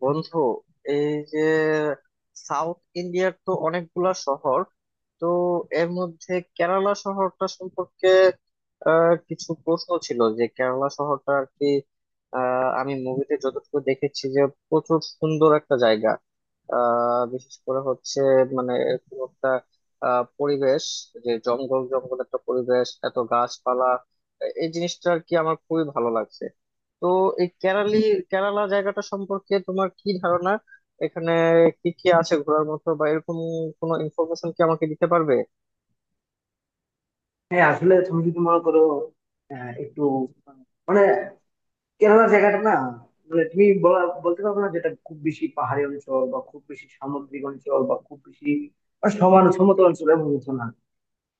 বন্ধু, এই যে সাউথ ইন্ডিয়ার তো অনেকগুলা শহর, তো এর মধ্যে কেরালা শহরটা সম্পর্কে কিছু প্রশ্ন ছিল যে কেরালা শহরটা আর কি। আমি মুভিতে যতটুকু দেখেছি যে প্রচুর সুন্দর একটা জায়গা। বিশেষ করে হচ্ছে মানে এরকম একটা পরিবেশ, যে জঙ্গল জঙ্গল একটা পরিবেশ, এত গাছপালা, এই জিনিসটা আর কি আমার খুবই ভালো লাগছে। তো এই কেরালা জায়গাটা সম্পর্কে তোমার কি ধারণা? এখানে কি কি আছে ঘোরার মতো, বা এরকম কোনো ইনফরমেশন কি আমাকে দিতে পারবে? হ্যাঁ আসলে তুমি যদি মনে করো একটু মানে কেরালা জায়গাটা না মানে তুমি বলতে পারবে না যেটা খুব বেশি পাহাড়ি অঞ্চল বা খুব বেশি সামুদ্রিক অঞ্চল বা খুব বেশি মানে সমান সমতল অঞ্চল এমন কিছু না।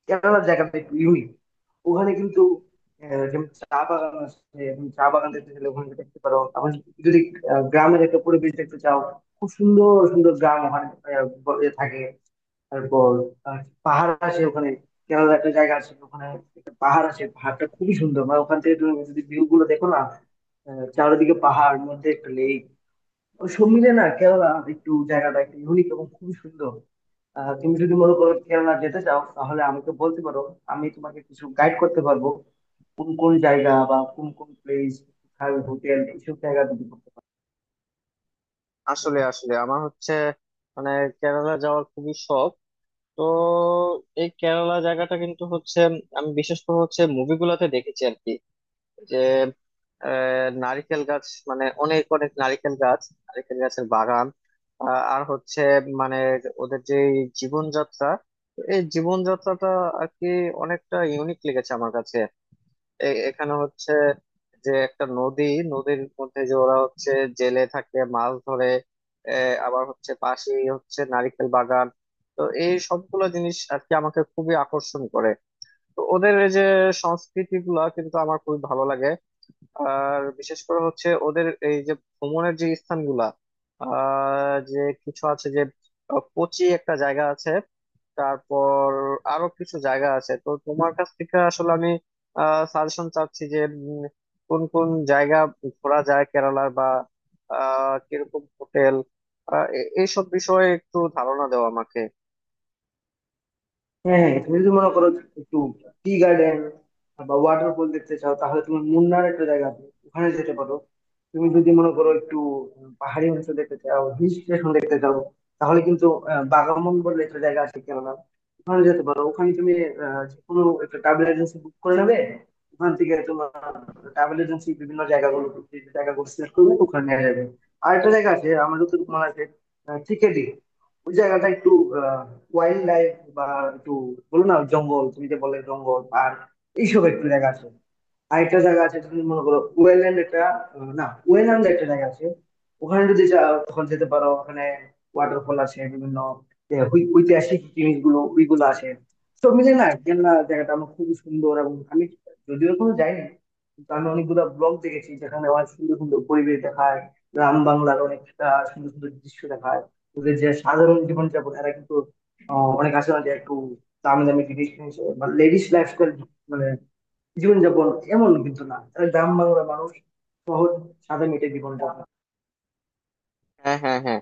কেরালার জায়গাটা একটু ইউনিক। ওখানে কিন্তু যেমন চা বাগান আছে, এবং চা বাগান দেখতে গেলে ওখানে দেখতে পারো। আবার যদি গ্রামের একটা পরিবেশ দেখতে চাও, খুব সুন্দর সুন্দর গ্রাম ওখানে থাকে। তারপর আহ, পাহাড় আছে ওখানে। কেরালার একটা জায়গা আছে ওখানে, একটা পাহাড় আছে, পাহাড়টা খুবই সুন্দর, মানে ওখান থেকে তুমি যদি ভিউ গুলো দেখো না, চারিদিকে পাহাড় মধ্যে একটা লেক। সব মিলে না কেরালা একটু জায়গাটা একটু ইউনিক এবং খুবই সুন্দর। তুমি যদি মনে করো কেরালা যেতে চাও তাহলে আমাকে বলতে পারো, আমি তোমাকে কিছু গাইড করতে পারবো কোন কোন জায়গা বা কোন কোন প্লেস, হোটেল এইসব জায়গা তুমি করতে পারো। আসলে আসলে আমার হচ্ছে মানে কেরালা যাওয়ার খুবই শখ। তো এই কেরালা জায়গাটা কিন্তু হচ্ছে, আমি বিশেষ করে হচ্ছে মুভিগুলোতে দেখেছি আর কি, যে নারিকেল গাছ, মানে অনেক অনেক নারিকেল গাছ, নারিকেল গাছের বাগান। আর হচ্ছে মানে ওদের যে জীবনযাত্রা, তো এই জীবনযাত্রাটা আর কি অনেকটা ইউনিক লেগেছে আমার কাছে। এখানে হচ্ছে যে একটা নদী, নদীর মধ্যে যে ওরা হচ্ছে জেলে থাকে, মাছ ধরে। আবার হচ্ছে পাশেই হচ্ছে নারিকেল বাগান। তো এই সবগুলো জিনিস আর কি আমাকে খুবই আকর্ষণ করে। তো ওদের এই যে সংস্কৃতি গুলা কিন্তু আমার খুবই ভালো লাগে। আর বিশেষ করে হচ্ছে ওদের এই যে ভ্রমণের যে স্থানগুলা, যে কিছু আছে যে কোচি একটা জায়গা আছে, তারপর আরো কিছু জায়গা আছে। তো তোমার কাছ থেকে আসলে আমি সাজেশন চাচ্ছি যে উম, কোন কোন জায়গা ঘোরা যায় কেরালার, বা কিরকম হোটেল, এইসব বিষয়ে একটু ধারণা দাও আমাকে। হ্যাঁ, হ্যাঁ, তুমি যদি মনে করো একটু টি গার্ডেন বা ওয়াটারফল দেখতে চাও তাহলে তুমি মুন্নার একটা জায়গা আছে ওখানে যেতে পারো। তুমি যদি মনে করো একটু পাহাড়ি অঞ্চল দেখতে চাও, হিল স্টেশন দেখতে চাও, তাহলে কিন্তু বাগামন বলে একটা জায়গা আছে, কেননা ওখানে যেতে পারো। ওখানে তুমি যে কোনো একটা ট্রাভেল এজেন্সি বুক করে নেবে, ওখান থেকে তোমার ট্রাভেল এজেন্সি বিভিন্ন জায়গাগুলো, যে জায়গাগুলো সিলেক্ট করবে ওখানে নিয়ে যাবে। আর একটা জায়গা আছে আমাদের তো মনে আছে, টিকেডি, ওই জায়গাটা একটু আহ ওয়াইল্ড লাইফ, বা একটু বলো না জঙ্গল, তুমি যে বলে জঙ্গল পার্ক, এইসব একটু জায়গা আছে। আরেকটা জায়গা আছে তুমি মনে করো ওয়েল্যান্ড একটা, না ওয়েল্যান্ড একটা জায়গা আছে, ওখানে যদি যাও তখন যেতে পারো। ওখানে ওয়াটারফল আছে বিভিন্ন, যে ঐতিহাসিক জিনিসগুলো ওইগুলো আছে। সব মিলে না কেননা জায়গাটা আমার খুবই সুন্দর, এবং আমি যদিও কোনো যাইনি কিন্তু আমি অনেকগুলো ব্লগ দেখেছি যেখানে অনেক সুন্দর সুন্দর পরিবেশ দেখায়, গ্রাম বাংলার অনেকটা সুন্দর সুন্দর দৃশ্য দেখায়। ওদের যে সাধারণ জীবনযাপন, এরা কিন্তু অনেক আছে না যে একটু দামি দামি জিনিস কিনছে, বা লেডিস লাইফস্টাইল, মানে জীবনযাপন এমন কিন্তু না, তারা গ্রাম বাংলার মানুষ। শহর, সাদা মেটে জীবনযাপন। হ্যাঁ, হ্যাঁ, হ্যাঁ,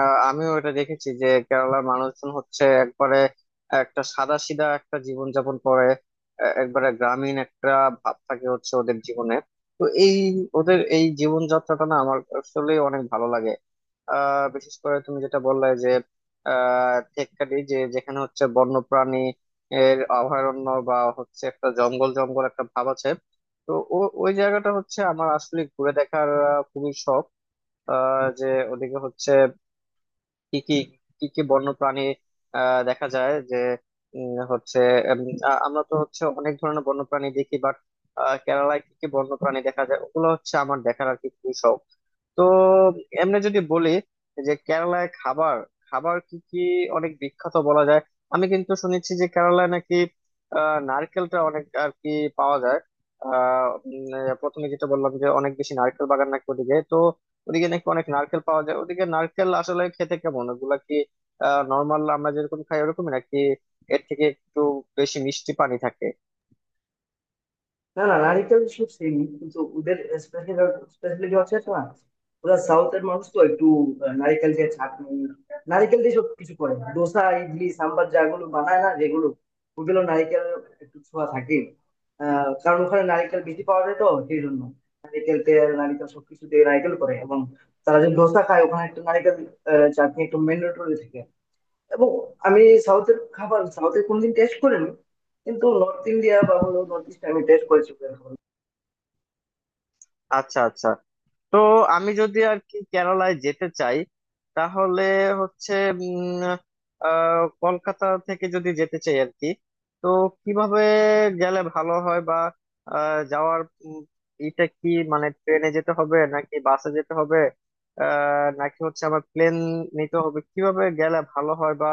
আমিও এটা দেখেছি যে কেরালার মানুষজন হচ্ছে একবারে একটা সাদা সিধা একটা জীবনযাপন করে। একবারে গ্রামীণ একটা ভাব থাকে হচ্ছে ওদের জীবনে। তো এই ওদের এই জীবনযাত্রাটা না আমার আসলে অনেক ভালো লাগে। বিশেষ করে তুমি যেটা বললে যে টেক্কাটি, যে যেখানে হচ্ছে বন্যপ্রাণী এর অভয়ারণ্য, বা হচ্ছে একটা জঙ্গল জঙ্গল একটা ভাব আছে। তো ওই জায়গাটা হচ্ছে আমার আসলে ঘুরে দেখার খুবই শখ। যে ওদিকে হচ্ছে কি কি কি কি বন্য প্রাণী দেখা যায় যে উম, হচ্ছে উম, আমরা তো হচ্ছে অনেক ধরনের বন্য প্রাণী দেখি, বাট কেরালায় কি কি বন্য প্রাণী দেখা যায় ওগুলো হচ্ছে আমার দেখার আর কি খুবই শখ। তো এমনি যদি বলি যে কেরালায় খাবার, কি কি অনেক বিখ্যাত বলা যায়? আমি কিন্তু শুনেছি যে কেরালায় নাকি নারকেলটা অনেক আর কি পাওয়া যায়। প্রথমে যেটা বললাম যে অনেক বেশি নারকেল বাগান নাকি ওদিকে, তো ওদিকে নাকি অনেক নারকেল পাওয়া যায়। ওদিকে নারকেল আসলে খেতে কেমন, ওগুলা কি নর্মাল আমরা যেরকম খাই ওরকমই, নাকি এর থেকে একটু বেশি মিষ্টি পানি থাকে? না না, নারীদের সব সেম কিন্তু ওদের স্পেশালিটি হচ্ছে একটা না, ওরা সাউথের মানুষ তো একটু নারিকেল দিয়ে চাটনি, নারিকেল দিয়ে সব কিছু করে, দোসা ইডলি সাম্বার যাগুলো বানায় না যেগুলো, ওগুলো নারিকেল একটু ছোঁয়া থাকে। কারণ ওখানে নারিকেল বেশি পাওয়া যায়, তো সেই জন্য নারিকেল তেল নারিকেল সবকিছু দিয়ে নারিকেল করে। এবং তারা যে দোসা খায় ওখানে একটু নারিকেল চাটনি একটু ম্যান্ডেটরি থাকে। এবং আমি সাউথের খাবার সাউথের কোনোদিন টেস্ট করিনি, কিন্তু নর্থ ইন্ডিয়া বা হলো নর্থ ইস্ট আমি টেস্ট করেছি। আচ্ছা, আচ্ছা, তো আমি যদি আর কি কেরালায় যেতে চাই তাহলে হচ্ছে উম, কলকাতা থেকে যদি যেতে চাই আর কি, তো কিভাবে গেলে ভালো হয়? বা আহ, যাওয়ার উম, এটা কি মানে ট্রেনে যেতে হবে, নাকি বাসে যেতে হবে, নাকি হচ্ছে আমার প্লেন নিতে হবে? কিভাবে গেলে ভালো হয়, বা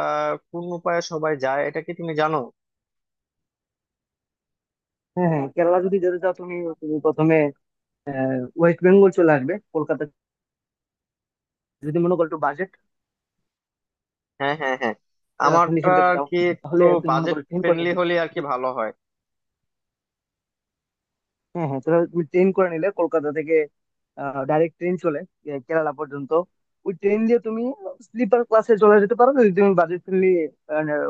কোন উপায়ে সবাই যায়, এটা কি তুমি জানো? হ্যাঁ হ্যাঁ, কেরালা যদি যেতে চাও তুমি তুমি প্রথমে ওয়েস্ট বেঙ্গল চলে আসবে, কলকাতা। যদি মনে করো একটু বাজেট হ্যাঁ, হ্যাঁ, হ্যাঁ, ফ্রেন্ড আমারটা হিসেবে যেতে আর চাও কি একটু তাহলে তুমি মনে বাজেট করো ট্রেন করে ফ্রেন্ডলি নিলে। হলে আর কি ভালো হয়। হ্যাঁ হ্যাঁ, তাহলে তুমি ট্রেন করে নিলে, কলকাতা থেকে ডাইরেক্ট ট্রেন চলে কেরালা পর্যন্ত। ওই ট্রেন দিয়ে তুমি স্লিপার ক্লাসে চলে যেতে পারো যদি তুমি বাজেট ফ্রেন্ডলি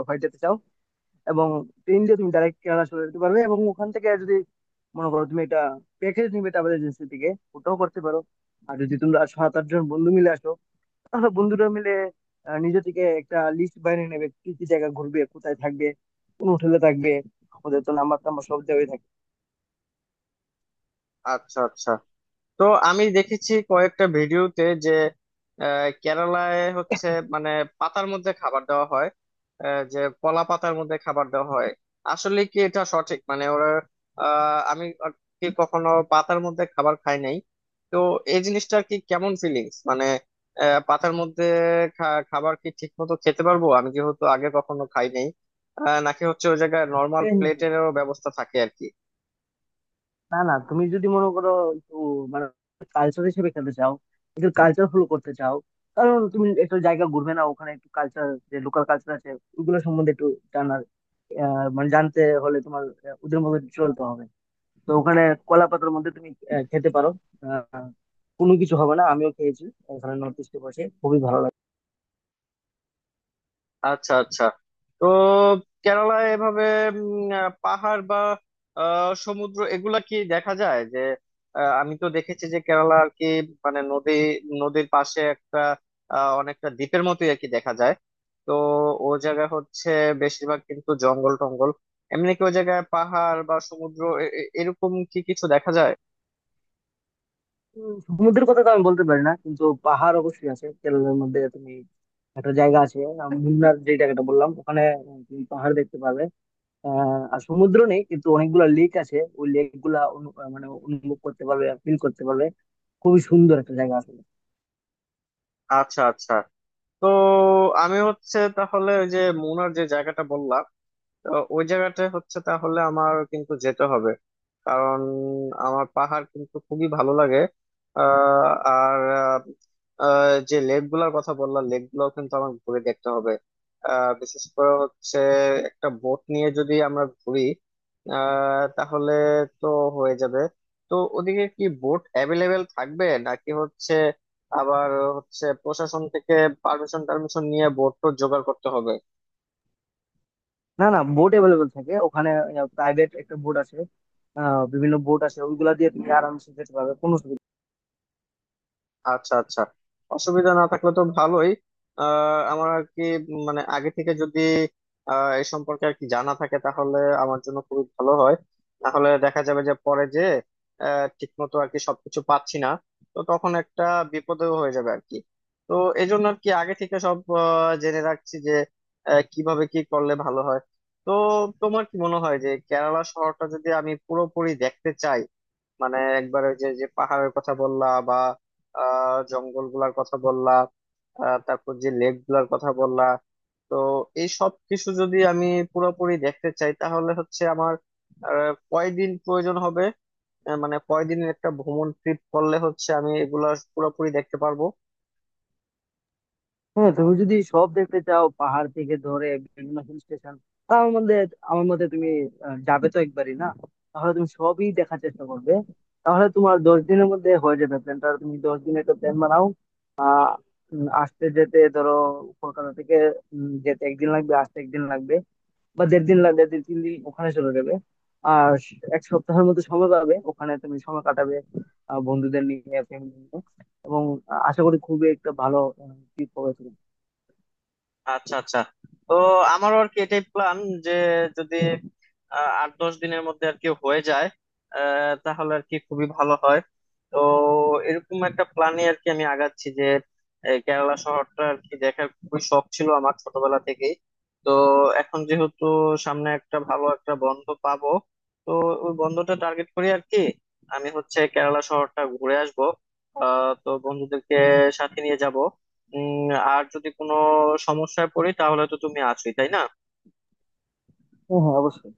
হয়ে যেতে চাও। এবং ট্রেন দিয়ে তুমি ডাইরেক্ট কেরালা চলে যেতে পারবে, এবং ওখান থেকে যদি মনে করো তুমি এটা প্যাকেজ নিবে ট্রাভেল এজেন্সি থেকে, ওটাও করতে পারো। আর যদি তোমরা সাত আট জন বন্ধু মিলে আসো তাহলে বন্ধুরা মিলে নিজে থেকে একটা লিস্ট বানিয়ে নেবে কি কি জায়গা ঘুরবে, কোথায় থাকবে, কোন হোটেলে থাকবে। ওদের তো নাম্বার টাম্বার সব দেওয়াই থাকে। আচ্ছা, আচ্ছা, তো আমি দেখেছি কয়েকটা ভিডিওতে যে কেরালায় হচ্ছে মানে পাতার মধ্যে খাবার দেওয়া হয়, যে কলা পাতার মধ্যে খাবার দেওয়া হয়। আসলে কি এটা সঠিক? মানে ওরা, আমি আর কি কখনো পাতার মধ্যে খাবার খাই নাই, তো এই জিনিসটার কি কেমন ফিলিংস? মানে পাতার মধ্যে খাবার কি ঠিক মতো খেতে পারবো, আমি যেহেতু আগে কখনো খাই নাই? নাকি হচ্ছে ওই জায়গায় নর্মাল হ্যাঁ, হ্যাঁ, হ্যাঁ। প্লেটেরও ব্যবস্থা থাকে আর কি? না না, তুমি যদি মনে করো একটু মানে কালচার হিসেবে খেলতে চাও, একটু কালচার ফলো করতে চাও, কারণ তুমি একটা জায়গা ঘুরবে না, ওখানে একটু কালচার, যে লোকাল কালচার আছে ওগুলো সম্বন্ধে একটু জানার, মানে জানতে হলে তোমার ওদের মতো চলতে হবে। তো ওখানে কলা পাতার মধ্যে তুমি খেতে পারো, আহ, কোনো কিছু হবে না, আমিও খেয়েছি ওখানে নর্থ ইস্টে, বসে খুবই ভালো লাগে। আচ্ছা, আচ্ছা, তো কেরালায় এভাবে পাহাড় বা সমুদ্র এগুলা কি দেখা যায়, যে আমি তো দেখেছি যে কেরালা আর কি মানে নদী, নদীর পাশে একটা অনেকটা দ্বীপের মতোই আর কি দেখা যায়। তো ও জায়গা হচ্ছে বেশিরভাগ কিন্তু জঙ্গল টঙ্গল। এমনি কি ওই জায়গায় পাহাড় বা সমুদ্র এরকম কি কিছু দেখা যায়? সমুদ্রের কথা তো আমি বলতে পারি না, কিন্তু পাহাড় অবশ্যই আছে কেরলের মধ্যে। তুমি একটা জায়গা আছে মুন্নার যে জায়গাটা বললাম ওখানে তুমি পাহাড় দেখতে পাবে। আর সমুদ্র নেই কিন্তু অনেকগুলা লেক আছে, ওই লেক গুলা মানে অনুভব করতে পারবে, ফিল করতে পারবে। খুবই সুন্দর একটা জায়গা আছে। আচ্ছা, আচ্ছা, তো আমি হচ্ছে তাহলে ওই যে মুনার যে জায়গাটা বললাম, তো ওই জায়গাটা হচ্ছে তাহলে আমার কিন্তু যেতে হবে, কারণ আমার পাহাড় কিন্তু খুবই ভালো লাগে। আহ, আর আহ, আহ, যে লেক গুলার কথা বললাম, লেক গুলো কিন্তু আমার ঘুরে দেখতে হবে। বিশেষ করে হচ্ছে একটা বোট নিয়ে যদি আমরা ঘুরি, তাহলে তো হয়ে যাবে। তো ওদিকে কি বোট অ্যাভেলেবেল থাকবে, নাকি হচ্ছে আবার হচ্ছে প্রশাসন থেকে পারমিশন টারমিশন নিয়ে বোট তো জোগাড় করতে হবে? না না, বোট অ্যাভেলেবেল থাকে ওখানে, প্রাইভেট একটা বোট আছে, বিভিন্ন বোট আছে, ওইগুলা দিয়ে তুমি আরামসে যেতে পারবে, কোনো অসুবিধা নেই। আচ্ছা, আচ্ছা, অসুবিধা না থাকলে তো ভালোই। আমার আর কি মানে আগে থেকে যদি এই সম্পর্কে আর কি জানা থাকে তাহলে আমার জন্য খুবই ভালো হয়। তাহলে দেখা যাবে যে পরে যে ঠিক মতো আর কি সবকিছু পাচ্ছি না, তো তখন একটা বিপদেও হয়ে যাবে আর কি। তো এই জন্য আর কি আগে থেকে সব জেনে রাখছি যে কিভাবে কি করলে ভালো হয়। তো তোমার কি মনে হয় যে কেরালা শহরটা যদি আমি পুরোপুরি দেখতে চাই, মানে একবার ওই যে যে পাহাড়ের কথা বললা, বা জঙ্গল গুলার কথা বললা, তারপর যে লেক গুলার কথা বললা, তো এই সব কিছু যদি আমি পুরোপুরি দেখতে চাই তাহলে হচ্ছে আমার কয়দিন প্রয়োজন হবে? মানে কয়দিনের একটা ভ্রমণ ট্রিপ করলে হচ্ছে আমি এগুলা পুরোপুরি দেখতে পারবো? হ্যাঁ, তুমি যদি সব দেখতে চাও পাহাড় থেকে ধরে বিভিন্ন হিল স্টেশন, আমার মধ্যে, আমার মতে তুমি যাবে তো একবারই না, তাহলে তুমি সবই দেখার চেষ্টা করবে। তাহলে তোমার 10 দিনের মধ্যে হয়ে যাবে, প্ল্যানটা তুমি 10 দিনের একটা প্ল্যান বানাও। আহ আসতে যেতে ধরো কলকাতা থেকে, যেতে একদিন লাগবে, আসতে একদিন লাগবে, বা দেড় দিন লাগবে, 2-3 দিন ওখানে চলে যাবে। আর এক সপ্তাহের মতো সময় পাবে ওখানে তুমি সময় কাটাবে বন্ধুদের নিয়ে, ফ্যামিলি নিয়ে, এবং আশা করি খুবই একটা ভালো ট্রিপ হবে তোমার। আচ্ছা, আচ্ছা, তো আমারও আর কি এটাই প্ল্যান যে যদি 8-10 দিনের মধ্যে আর কি হয়ে যায়, তাহলে আর কি খুবই ভালো হয়। তো এরকম একটা প্ল্যানে আর কি আমি আগাচ্ছি যে এই কেরালা শহরটা আর কি দেখার খুবই শখ ছিল আমার ছোটবেলা থেকেই। তো এখন যেহেতু সামনে একটা ভালো একটা বন্ধ পাবো, তো ওই বন্ধটা টার্গেট করি আর কি। আমি হচ্ছে কেরালা শহরটা ঘুরে আসবো। তো বন্ধুদেরকে সাথে নিয়ে যাব। উম আর যদি কোনো সমস্যায় পড়ি তাহলে তো তুমি আছোই, তাই না? হ্যাঁ হ্যাঁ, অবশ্যই।